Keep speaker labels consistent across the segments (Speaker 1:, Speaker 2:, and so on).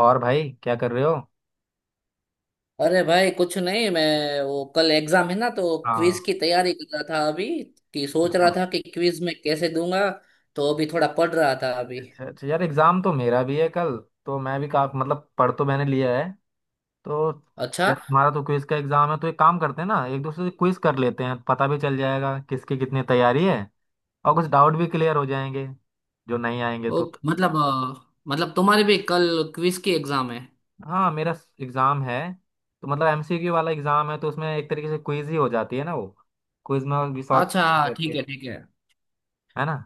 Speaker 1: और भाई, क्या कर रहे हो?
Speaker 2: अरे भाई कुछ नहीं। मैं वो कल एग्जाम है ना, तो
Speaker 1: हाँ।
Speaker 2: क्विज की तैयारी कर रहा था अभी। कि सोच रहा
Speaker 1: हाँ।
Speaker 2: था कि क्विज में कैसे दूंगा। तो अभी थोड़ा पढ़ रहा था अभी।
Speaker 1: अच्छा, अच्छा यार, एग्जाम तो मेरा भी है कल। तो मैं भी, का मतलब, पढ़ तो मैंने लिया है तो।
Speaker 2: अच्छा।
Speaker 1: यार, तुम्हारा तो क्विज का एग्जाम है, तो एक काम करते हैं ना, एक दूसरे से क्विज कर लेते हैं, पता भी चल जाएगा किसकी कितनी तैयारी है। और कुछ डाउट भी क्लियर हो जाएंगे जो नहीं आएंगे
Speaker 2: ओ
Speaker 1: तो।
Speaker 2: मतलब मतलब तुम्हारी भी कल क्विज की एग्जाम है?
Speaker 1: हाँ, मेरा एग्जाम है। तो मतलब एमसीक्यू वाला एग्जाम है, तो उसमें एक तरीके से क्विज ही हो जाती है ना वो। क्विज में भी शॉर्ट
Speaker 2: अच्छा हाँ, ठीक
Speaker 1: करके,
Speaker 2: है ठीक है।
Speaker 1: है ना।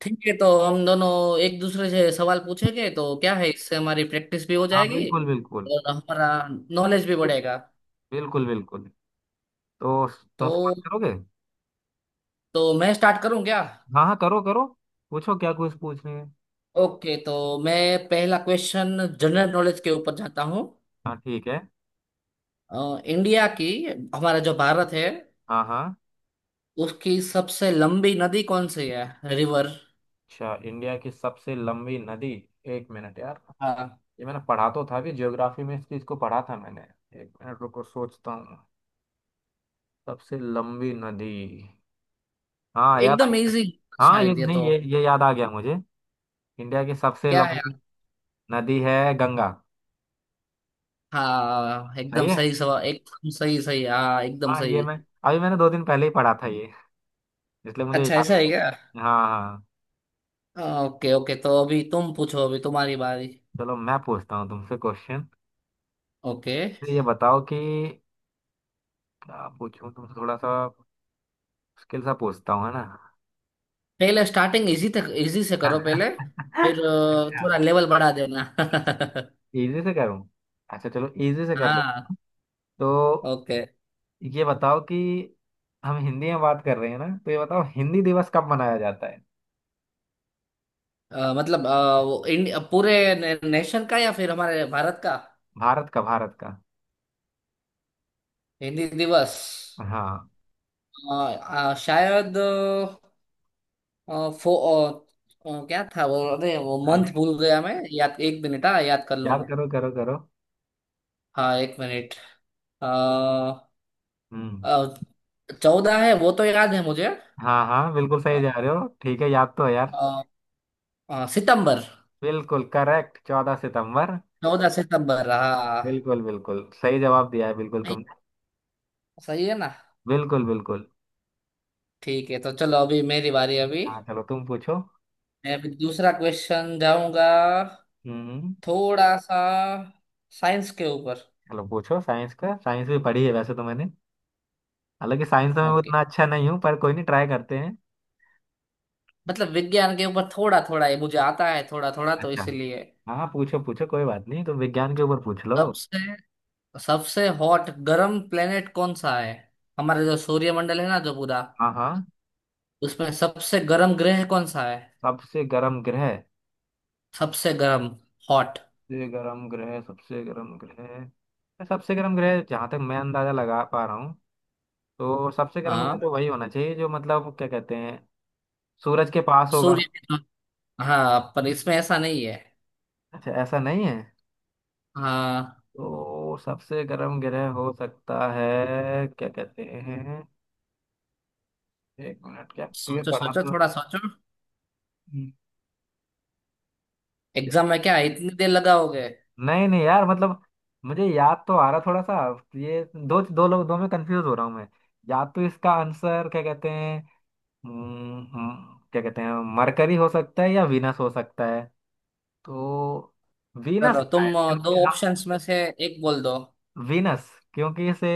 Speaker 2: ठीक है तो हम दोनों एक दूसरे से सवाल पूछेंगे, तो क्या है, इससे हमारी प्रैक्टिस भी हो
Speaker 1: हाँ,
Speaker 2: जाएगी
Speaker 1: बिल्कुल बिल्कुल।
Speaker 2: और हमारा नॉलेज भी बढ़ेगा।
Speaker 1: बिल्कुल बिल्कुल। तो तुम
Speaker 2: तो
Speaker 1: स्टार्ट करोगे?
Speaker 2: तो मैं स्टार्ट करूं क्या?
Speaker 1: हाँ हाँ, करो करो। पूछो, क्या कुछ पूछने है।
Speaker 2: ओके तो मैं पहला क्वेश्चन जनरल नॉलेज के ऊपर जाता हूँ।
Speaker 1: हाँ, ठीक है।
Speaker 2: इंडिया की, हमारा जो भारत है,
Speaker 1: हाँ हाँ।
Speaker 2: उसकी सबसे लंबी नदी कौन सी है? रिवर।
Speaker 1: अच्छा, इंडिया की सबसे लंबी नदी। एक मिनट यार।
Speaker 2: हाँ
Speaker 1: ये मैंने पढ़ा तो था, भी ज्योग्राफी में इस चीज को पढ़ा था मैंने। एक मिनट रुको, सोचता हूँ। सबसे लंबी नदी। हाँ, याद आ
Speaker 2: एकदम
Speaker 1: गया।
Speaker 2: इजी।
Speaker 1: हाँ, ये
Speaker 2: शायद ये
Speaker 1: नहीं,
Speaker 2: तो,
Speaker 1: ये याद आ गया मुझे। इंडिया की सबसे
Speaker 2: क्या है?
Speaker 1: लंबी नदी है गंगा।
Speaker 2: हाँ एकदम
Speaker 1: सही है।
Speaker 2: सही सवाल, एकदम सही सही, हाँ एकदम
Speaker 1: हाँ, ये
Speaker 2: सही।
Speaker 1: मैं। अभी मैंने 2 दिन पहले ही पढ़ा था ये, इसलिए मुझे
Speaker 2: अच्छा
Speaker 1: याद
Speaker 2: ऐसा है क्या?
Speaker 1: है। हाँ हाँ।
Speaker 2: हाँ, ओके ओके, तो अभी तुम पूछो, अभी तुम्हारी बारी।
Speaker 1: चलो, मैं पूछता हूँ तुमसे क्वेश्चन।
Speaker 2: ओके।
Speaker 1: ये बताओ कि आप पूछूं तो थोड़ा सा मुश्किल सा पूछता हूँ, है ना।
Speaker 2: पहले स्टार्टिंग इजी तक इजी से करो पहले। फिर
Speaker 1: अच्छा,
Speaker 2: थोड़ा लेवल बढ़ा देना।
Speaker 1: इजी से करूँ? अच्छा, चलो इजी से कर ले।
Speaker 2: हाँ।
Speaker 1: तो
Speaker 2: ओके।
Speaker 1: ये बताओ कि हम हिंदी में बात कर रहे हैं ना, तो ये बताओ, हिंदी दिवस कब मनाया जाता है?
Speaker 2: मतलब वो नेशन का या फिर हमारे भारत का?
Speaker 1: भारत का, भारत का।
Speaker 2: हिंदी दिवस।
Speaker 1: हाँ।
Speaker 2: अ, अ, शायद अ, फो अ, अ, क्या था वो? अरे वो मंथ
Speaker 1: नहीं,
Speaker 2: भूल गया मैं। याद एक मिनट, हाँ याद कर लूँ
Speaker 1: याद
Speaker 2: मैं।
Speaker 1: करो करो करो।
Speaker 2: हाँ एक मिनट।
Speaker 1: हम्म।
Speaker 2: 14 है वो तो याद है मुझे।
Speaker 1: हाँ हाँ, बिल्कुल
Speaker 2: अ,
Speaker 1: सही जा रहे हो, ठीक है, याद तो है यार।
Speaker 2: अ, सितंबर।
Speaker 1: बिल्कुल करेक्ट, 14 सितंबर।
Speaker 2: 14 सितंबर हाँ।
Speaker 1: बिल्कुल बिल्कुल सही जवाब दिया है बिल्कुल
Speaker 2: नहीं,
Speaker 1: तुमने।
Speaker 2: सही है ना?
Speaker 1: बिल्कुल बिल्कुल।
Speaker 2: ठीक है तो चलो अभी मेरी बारी अभी।
Speaker 1: हाँ, चलो तुम पूछो।
Speaker 2: मैं अभी दूसरा क्वेश्चन जाऊंगा,
Speaker 1: हम्म।
Speaker 2: थोड़ा सा साइंस के ऊपर।
Speaker 1: चलो, पूछो साइंस का। साइंस भी पढ़ी है वैसे तो मैंने। हालांकि साइंस में मैं
Speaker 2: ओके,
Speaker 1: उतना अच्छा नहीं हूँ, पर कोई नहीं, ट्राई करते हैं।
Speaker 2: मतलब विज्ञान के ऊपर थोड़ा थोड़ा ये मुझे आता है थोड़ा थोड़ा, तो
Speaker 1: अच्छा।
Speaker 2: इसलिए।
Speaker 1: हाँ, पूछो पूछो, कोई बात नहीं, तो विज्ञान के ऊपर पूछ लो।
Speaker 2: सबसे सबसे हॉट गर्म प्लेनेट कौन सा है? हमारे जो सूर्यमंडल है ना, जो पूरा,
Speaker 1: हाँ हाँ।
Speaker 2: उसमें सबसे गर्म ग्रह कौन सा है?
Speaker 1: सबसे गर्म ग्रह,
Speaker 2: सबसे गर्म। हॉट।
Speaker 1: सबसे गर्म ग्रह। सबसे गर्म ग्रह, सबसे गर्म ग्रह जहाँ तक मैं अंदाजा लगा पा रहा हूँ। तो सबसे गर्म ग्रह
Speaker 2: हाँ।
Speaker 1: तो वही होना चाहिए जो, मतलब, क्या कहते हैं, सूरज के पास होगा।
Speaker 2: सूर्य के तो- हाँ पर इसमें ऐसा नहीं है।
Speaker 1: अच्छा, ऐसा नहीं है।
Speaker 2: हाँ।
Speaker 1: तो सबसे गर्म ग्रह हो सकता है, क्या कहते हैं। एक मिनट, क्या। ये
Speaker 2: सोचो
Speaker 1: पढ़ा
Speaker 2: सोचो थोड़ा सोचो।
Speaker 1: था।
Speaker 2: एग्जाम में क्या इतनी देर लगाओगे?
Speaker 1: नहीं नहीं यार, मतलब मुझे याद तो आ रहा थोड़ा सा। ये दो दो लोग, दो में कंफ्यूज हो रहा हूँ मैं। या तो इसका आंसर, क्या कहते हैं। क्या कहते हैं, मरकरी हो सकता है या वीनस हो सकता है। तो वीनस
Speaker 2: चलो
Speaker 1: है
Speaker 2: तुम
Speaker 1: क्योंकि
Speaker 2: दो
Speaker 1: हम।
Speaker 2: ऑप्शंस में से एक बोल दो।
Speaker 1: वीनस क्योंकि इसे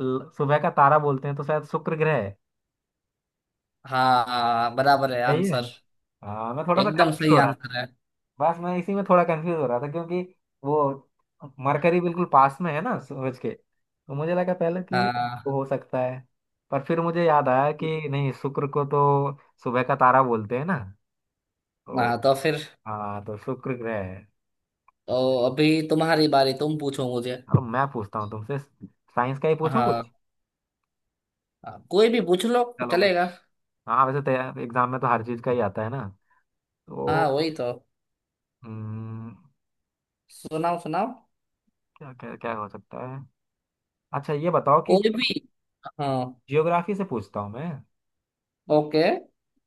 Speaker 1: सुबह का तारा बोलते हैं, तो शायद शुक्र ग्रह है।
Speaker 2: हाँ हाँ, बराबर है
Speaker 1: सही है।
Speaker 2: आंसर।
Speaker 1: हाँ, मैं थोड़ा सा
Speaker 2: एकदम
Speaker 1: कंफ्यूज
Speaker 2: सही
Speaker 1: हो रहा।
Speaker 2: आंसर है।
Speaker 1: बस मैं इसी में थोड़ा कंफ्यूज हो रहा था क्योंकि वो मरकरी बिल्कुल पास में है ना सूरज के, तो मुझे लगा पहले कि वो
Speaker 2: हाँ।
Speaker 1: हो सकता है। पर फिर मुझे याद आया कि नहीं, शुक्र को तो सुबह का तारा बोलते हैं ना, तो।
Speaker 2: हाँ तो फिर।
Speaker 1: हाँ, तो शुक्र ग्रह है।
Speaker 2: तो अभी तुम्हारी बारी, तुम पूछो मुझे।
Speaker 1: चलो, मैं पूछता हूँ तुमसे, साइंस का ही पूछूं
Speaker 2: हाँ
Speaker 1: कुछ।
Speaker 2: हाँ, कोई भी पूछ लो,
Speaker 1: चलो मैं।
Speaker 2: चलेगा।
Speaker 1: हाँ, वैसे तो एग्जाम में तो हर चीज का ही आता है ना, तो।
Speaker 2: हाँ वही तो।
Speaker 1: हम्म,
Speaker 2: सुनाओ सुनाओ।
Speaker 1: क्या क्या क्या हो सकता है। अच्छा, ये बताओ कि
Speaker 2: कोई भी। हाँ।
Speaker 1: जियोग्राफी से पूछता हूँ मैं।
Speaker 2: ओके।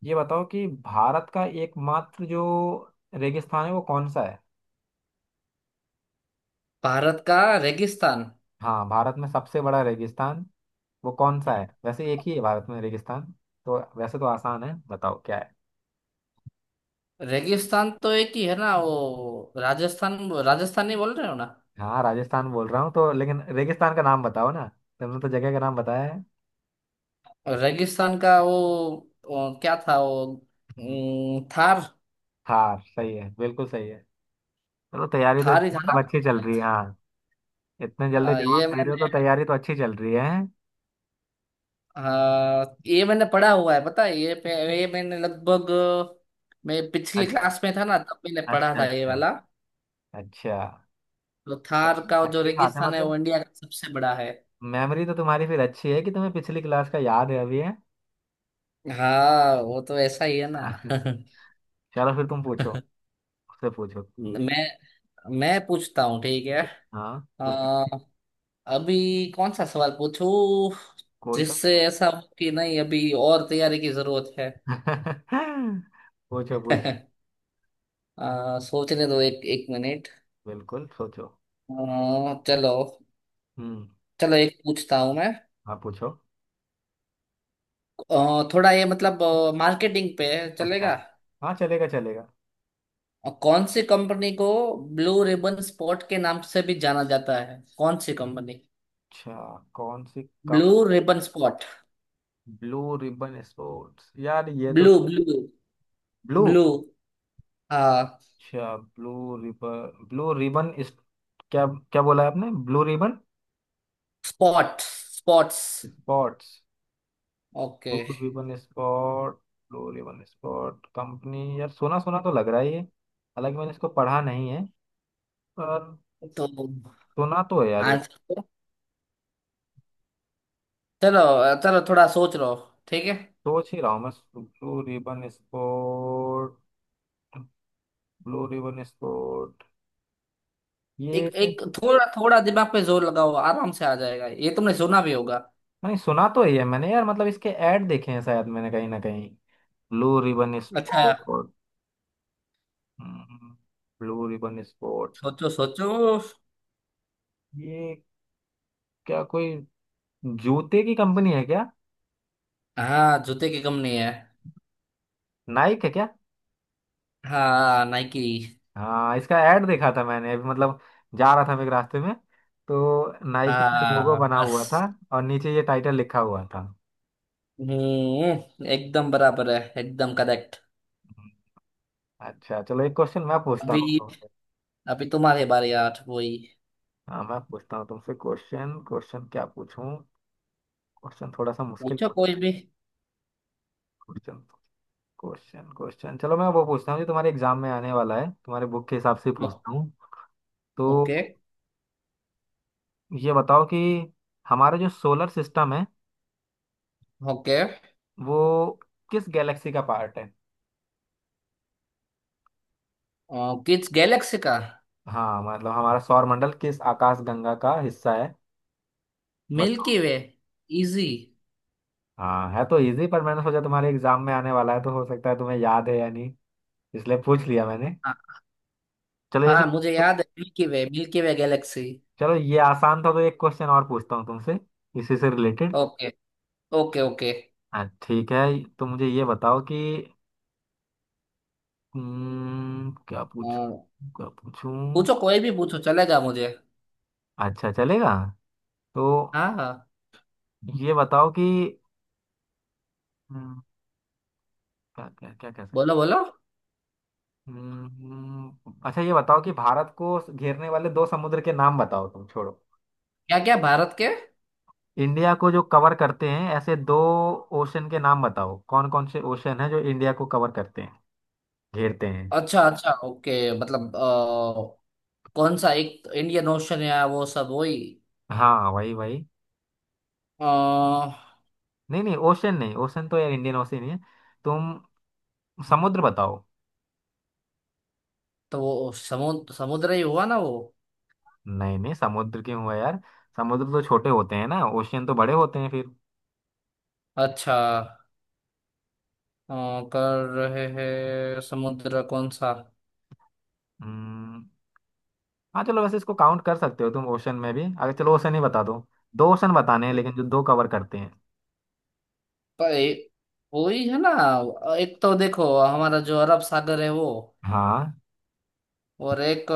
Speaker 1: ये बताओ कि भारत का एकमात्र जो रेगिस्तान है वो कौन सा है?
Speaker 2: भारत का। रेगिस्तान।
Speaker 1: हाँ, भारत में सबसे बड़ा रेगिस्तान वो कौन सा है? वैसे एक ही है भारत में रेगिस्तान, तो वैसे तो आसान है, बताओ क्या है।
Speaker 2: रेगिस्तान तो एक ही है ना, वो राजस्थान। राजस्थान नहीं बोल रहे हो ना?
Speaker 1: हाँ राजस्थान बोल रहा हूँ तो, लेकिन रेगिस्तान का नाम बताओ ना। तुमने तो जगह का नाम बताया है।
Speaker 2: रेगिस्तान का वो क्या था वो?
Speaker 1: हम्म।
Speaker 2: थार।
Speaker 1: हाँ सही है, बिल्कुल सही है। चलो, तैयारी तो
Speaker 2: थार ही
Speaker 1: इसकी
Speaker 2: था ना?
Speaker 1: मतलब अच्छी चल रही है हाँ। इतने जल्दी जवाब
Speaker 2: ये
Speaker 1: दे रहे हो
Speaker 2: मैंने,
Speaker 1: तो तैयारी तो अच्छी चल रही है।
Speaker 2: हाँ ये मैंने पढ़ा हुआ है पता है, ये ये मैंने लगभग, मैं पिछली
Speaker 1: अच्छा,
Speaker 2: क्लास में था ना, तब मैंने पढ़ा
Speaker 1: अच्छा,
Speaker 2: था ये
Speaker 1: अच्छा,
Speaker 2: वाला।
Speaker 1: अच्छा।
Speaker 2: तो
Speaker 1: च-
Speaker 2: थार का जो
Speaker 1: अच्छी बात है,
Speaker 2: रेगिस्तान है वो
Speaker 1: मतलब
Speaker 2: इंडिया का सबसे बड़ा है।
Speaker 1: मेमोरी तो तुम्हारी फिर अच्छी है कि तुम्हें पिछली क्लास का याद है अभी है।
Speaker 2: हाँ वो तो ऐसा ही है ना।
Speaker 1: चलो फिर तुम पूछो, उससे पूछो।
Speaker 2: मैं मैं पूछता हूँ ठीक है।
Speaker 1: हाँ, पूछ।
Speaker 2: अ, अभी कौन सा सवाल पूछूं,
Speaker 1: कोई सा।
Speaker 2: जिससे ऐसा हो कि नहीं अभी और तैयारी की जरूरत है।
Speaker 1: पूछो पूछो।
Speaker 2: सोचने दो एक एक मिनट।
Speaker 1: बिल्कुल सोचो।
Speaker 2: चलो,
Speaker 1: हम्म।
Speaker 2: चलो एक पूछता हूँ।
Speaker 1: हाँ, पूछो।
Speaker 2: थोड़ा ये मतलब मार्केटिंग पे,
Speaker 1: अच्छा।
Speaker 2: चलेगा?
Speaker 1: हाँ चलेगा चलेगा।
Speaker 2: और कौन सी कंपनी को ब्लू रिबन स्पॉट के नाम से भी जाना जाता है, कौन सी कंपनी?
Speaker 1: अच्छा, कौन सी कम।
Speaker 2: Blue ribbon spot.
Speaker 1: Blue ribbon sports यार, ये तो।
Speaker 2: Blue blue
Speaker 1: blue.
Speaker 2: ब्लू हाँ।
Speaker 1: अच्छा, ब्लू रिबन, ब्लू रिबन इस, क्या, क्या बोला है आपने, blue ribbon?
Speaker 2: Spot. Spots.
Speaker 1: Sports.
Speaker 2: Okay.
Speaker 1: Food भी one spot, glory one spot company, यार सोना सोना तो लग रहा है ये, हालांकि मैंने इसको पढ़ा नहीं है, पर।
Speaker 2: तो
Speaker 1: सोना तो है यार ये।
Speaker 2: आंसर, चलो चलो थोड़ा सोच लो, ठीक है।
Speaker 1: सोच ही रहा हूँ मैं, blue ribbon sport, blue ribbon sport.
Speaker 2: एक
Speaker 1: ये
Speaker 2: एक थोड़ा थोड़ा दिमाग पे जोर लगाओ, आराम से आ जाएगा, ये तुमने सुना भी होगा।
Speaker 1: नहीं, सुना तो ही है ये मैंने यार, मतलब इसके ऐड देखे हैं शायद मैंने कहीं ना कहीं। ब्लू रिबन
Speaker 2: अच्छा।
Speaker 1: Sport, blue ribbon sport.
Speaker 2: सोचो सोचो।
Speaker 1: ये क्या कोई जूते की कंपनी है क्या?
Speaker 2: हाँ जूते की कंपनी है।
Speaker 1: नाइक है क्या?
Speaker 2: हाँ नाइकी।
Speaker 1: हाँ, इसका ऐड देखा था मैंने अभी, मतलब जा रहा था मैं एक रास्ते में, तो नाइकी का लोगो
Speaker 2: हाँ
Speaker 1: बना हुआ था
Speaker 2: बस।
Speaker 1: और नीचे ये टाइटल लिखा हुआ था।
Speaker 2: एकदम बराबर है, एकदम करेक्ट।
Speaker 1: अच्छा, चलो एक क्वेश्चन मैं पूछता हूँ
Speaker 2: अभी
Speaker 1: तुमसे।
Speaker 2: अभी तुम्हारे बारे यार वही।
Speaker 1: हाँ, मैं पूछता हूँ तुमसे क्वेश्चन। क्वेश्चन क्या पूछूं। क्वेश्चन थोड़ा सा मुश्किल।
Speaker 2: पूछो कोई भी।
Speaker 1: क्वेश्चन, क्वेश्चन, क्वेश्चन, चलो मैं वो पूछता हूँ जो तुम्हारे एग्जाम में आने वाला है, तुम्हारे बुक के हिसाब से
Speaker 2: ओ-
Speaker 1: पूछता हूँ। तो
Speaker 2: ओके
Speaker 1: ये बताओ कि हमारा जो सोलर सिस्टम है
Speaker 2: ओके।
Speaker 1: वो किस गैलेक्सी का पार्ट है?
Speaker 2: किस गैलेक्सी का?
Speaker 1: हाँ, मतलब हमारा सौरमंडल किस आकाश गंगा का हिस्सा है, बताओ।
Speaker 2: Milky Way. इजी।
Speaker 1: हाँ है तो इजी, पर मैंने सोचा तुम्हारे एग्जाम में आने वाला है, तो हो सकता है तुम्हें याद है या नहीं, इसलिए पूछ लिया मैंने।
Speaker 2: हाँ
Speaker 1: चलो इसी।
Speaker 2: हाँ, मुझे याद है, Milky Way, Milky Way galaxy.
Speaker 1: चलो, ये आसान था, तो एक क्वेश्चन और पूछता हूँ तुमसे, इसी से रिलेटेड।
Speaker 2: Okay okay okay.
Speaker 1: हाँ, ठीक है। तो मुझे ये बताओ कि क्या पूछ, क्या पूछूं।
Speaker 2: पूछो कोई भी, पूछो चलेगा मुझे।
Speaker 1: अच्छा, चलेगा। तो
Speaker 2: हाँ हाँ।
Speaker 1: ये बताओ कि हम्म, क्या क्या क्या कह सकते हैं?
Speaker 2: बोलो बोलो।
Speaker 1: अच्छा, ये बताओ कि भारत को घेरने वाले दो समुद्र के नाम बताओ, तुम छोड़ो।
Speaker 2: क्या क्या भारत के?
Speaker 1: इंडिया को जो कवर करते हैं ऐसे दो ओशन के नाम बताओ, कौन कौन से ओशन है जो इंडिया को कवर करते हैं, घेरते हैं।
Speaker 2: अच्छा अच्छा ओके, मतलब कौन सा, एक इंडियन ओशन, या वो सब वही?
Speaker 1: हाँ वही वही।
Speaker 2: अ।
Speaker 1: नहीं नहीं, ओशन नहीं, ओशन तो यार इंडियन ओशन ही है, तुम समुद्र बताओ।
Speaker 2: तो वो समुद्र समुद्र ही हुआ ना वो?
Speaker 1: नहीं नहीं, समुद्र क्यों हुआ यार, समुद्र तो छोटे होते हैं ना, ओशियन तो बड़े होते हैं फिर।
Speaker 2: अच्छा। अ, कर रहे हैं समुद्र कौन सा।
Speaker 1: हम्म। हाँ, चलो वैसे इसको काउंट कर सकते हो तुम ओशन में भी अगर, चलो ओशन ही बता दो। दो ओशन बताने हैं,
Speaker 2: पे-
Speaker 1: लेकिन जो दो कवर करते हैं।
Speaker 2: वही है ना? एक तो देखो हमारा जो अरब सागर है वो,
Speaker 1: हाँ
Speaker 2: और एक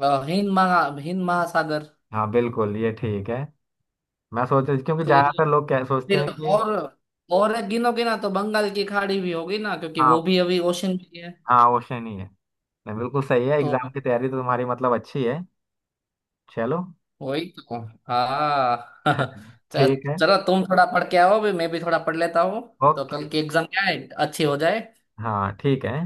Speaker 2: हिंद महा हिंद महासागर।
Speaker 1: हाँ, बिल्कुल ये ठीक है। मैं सोच रही क्योंकि
Speaker 2: फिर
Speaker 1: ज्यादातर लोग क्या सोचते
Speaker 2: फिर
Speaker 1: हैं कि।
Speaker 2: और और एक गिनो, गिना तो बंगाल की खाड़ी भी होगी ना, क्योंकि वो
Speaker 1: हाँ
Speaker 2: भी अभी ओशन में ही है।
Speaker 1: हाँ, वो शनि है। नहीं, बिल्कुल सही है,
Speaker 2: तो
Speaker 1: एग्जाम की तैयारी तो तुम्हारी मतलब अच्छी है। चलो।
Speaker 2: वही तो। हाँ।
Speaker 1: ठीक है,
Speaker 2: चलो तुम थोड़ा पढ़ के आओ भी, मैं भी थोड़ा पढ़ लेता हूँ। तो
Speaker 1: ओके,
Speaker 2: कल की एग्जाम क्या है, अच्छी हो जाए।
Speaker 1: हाँ, ठीक है।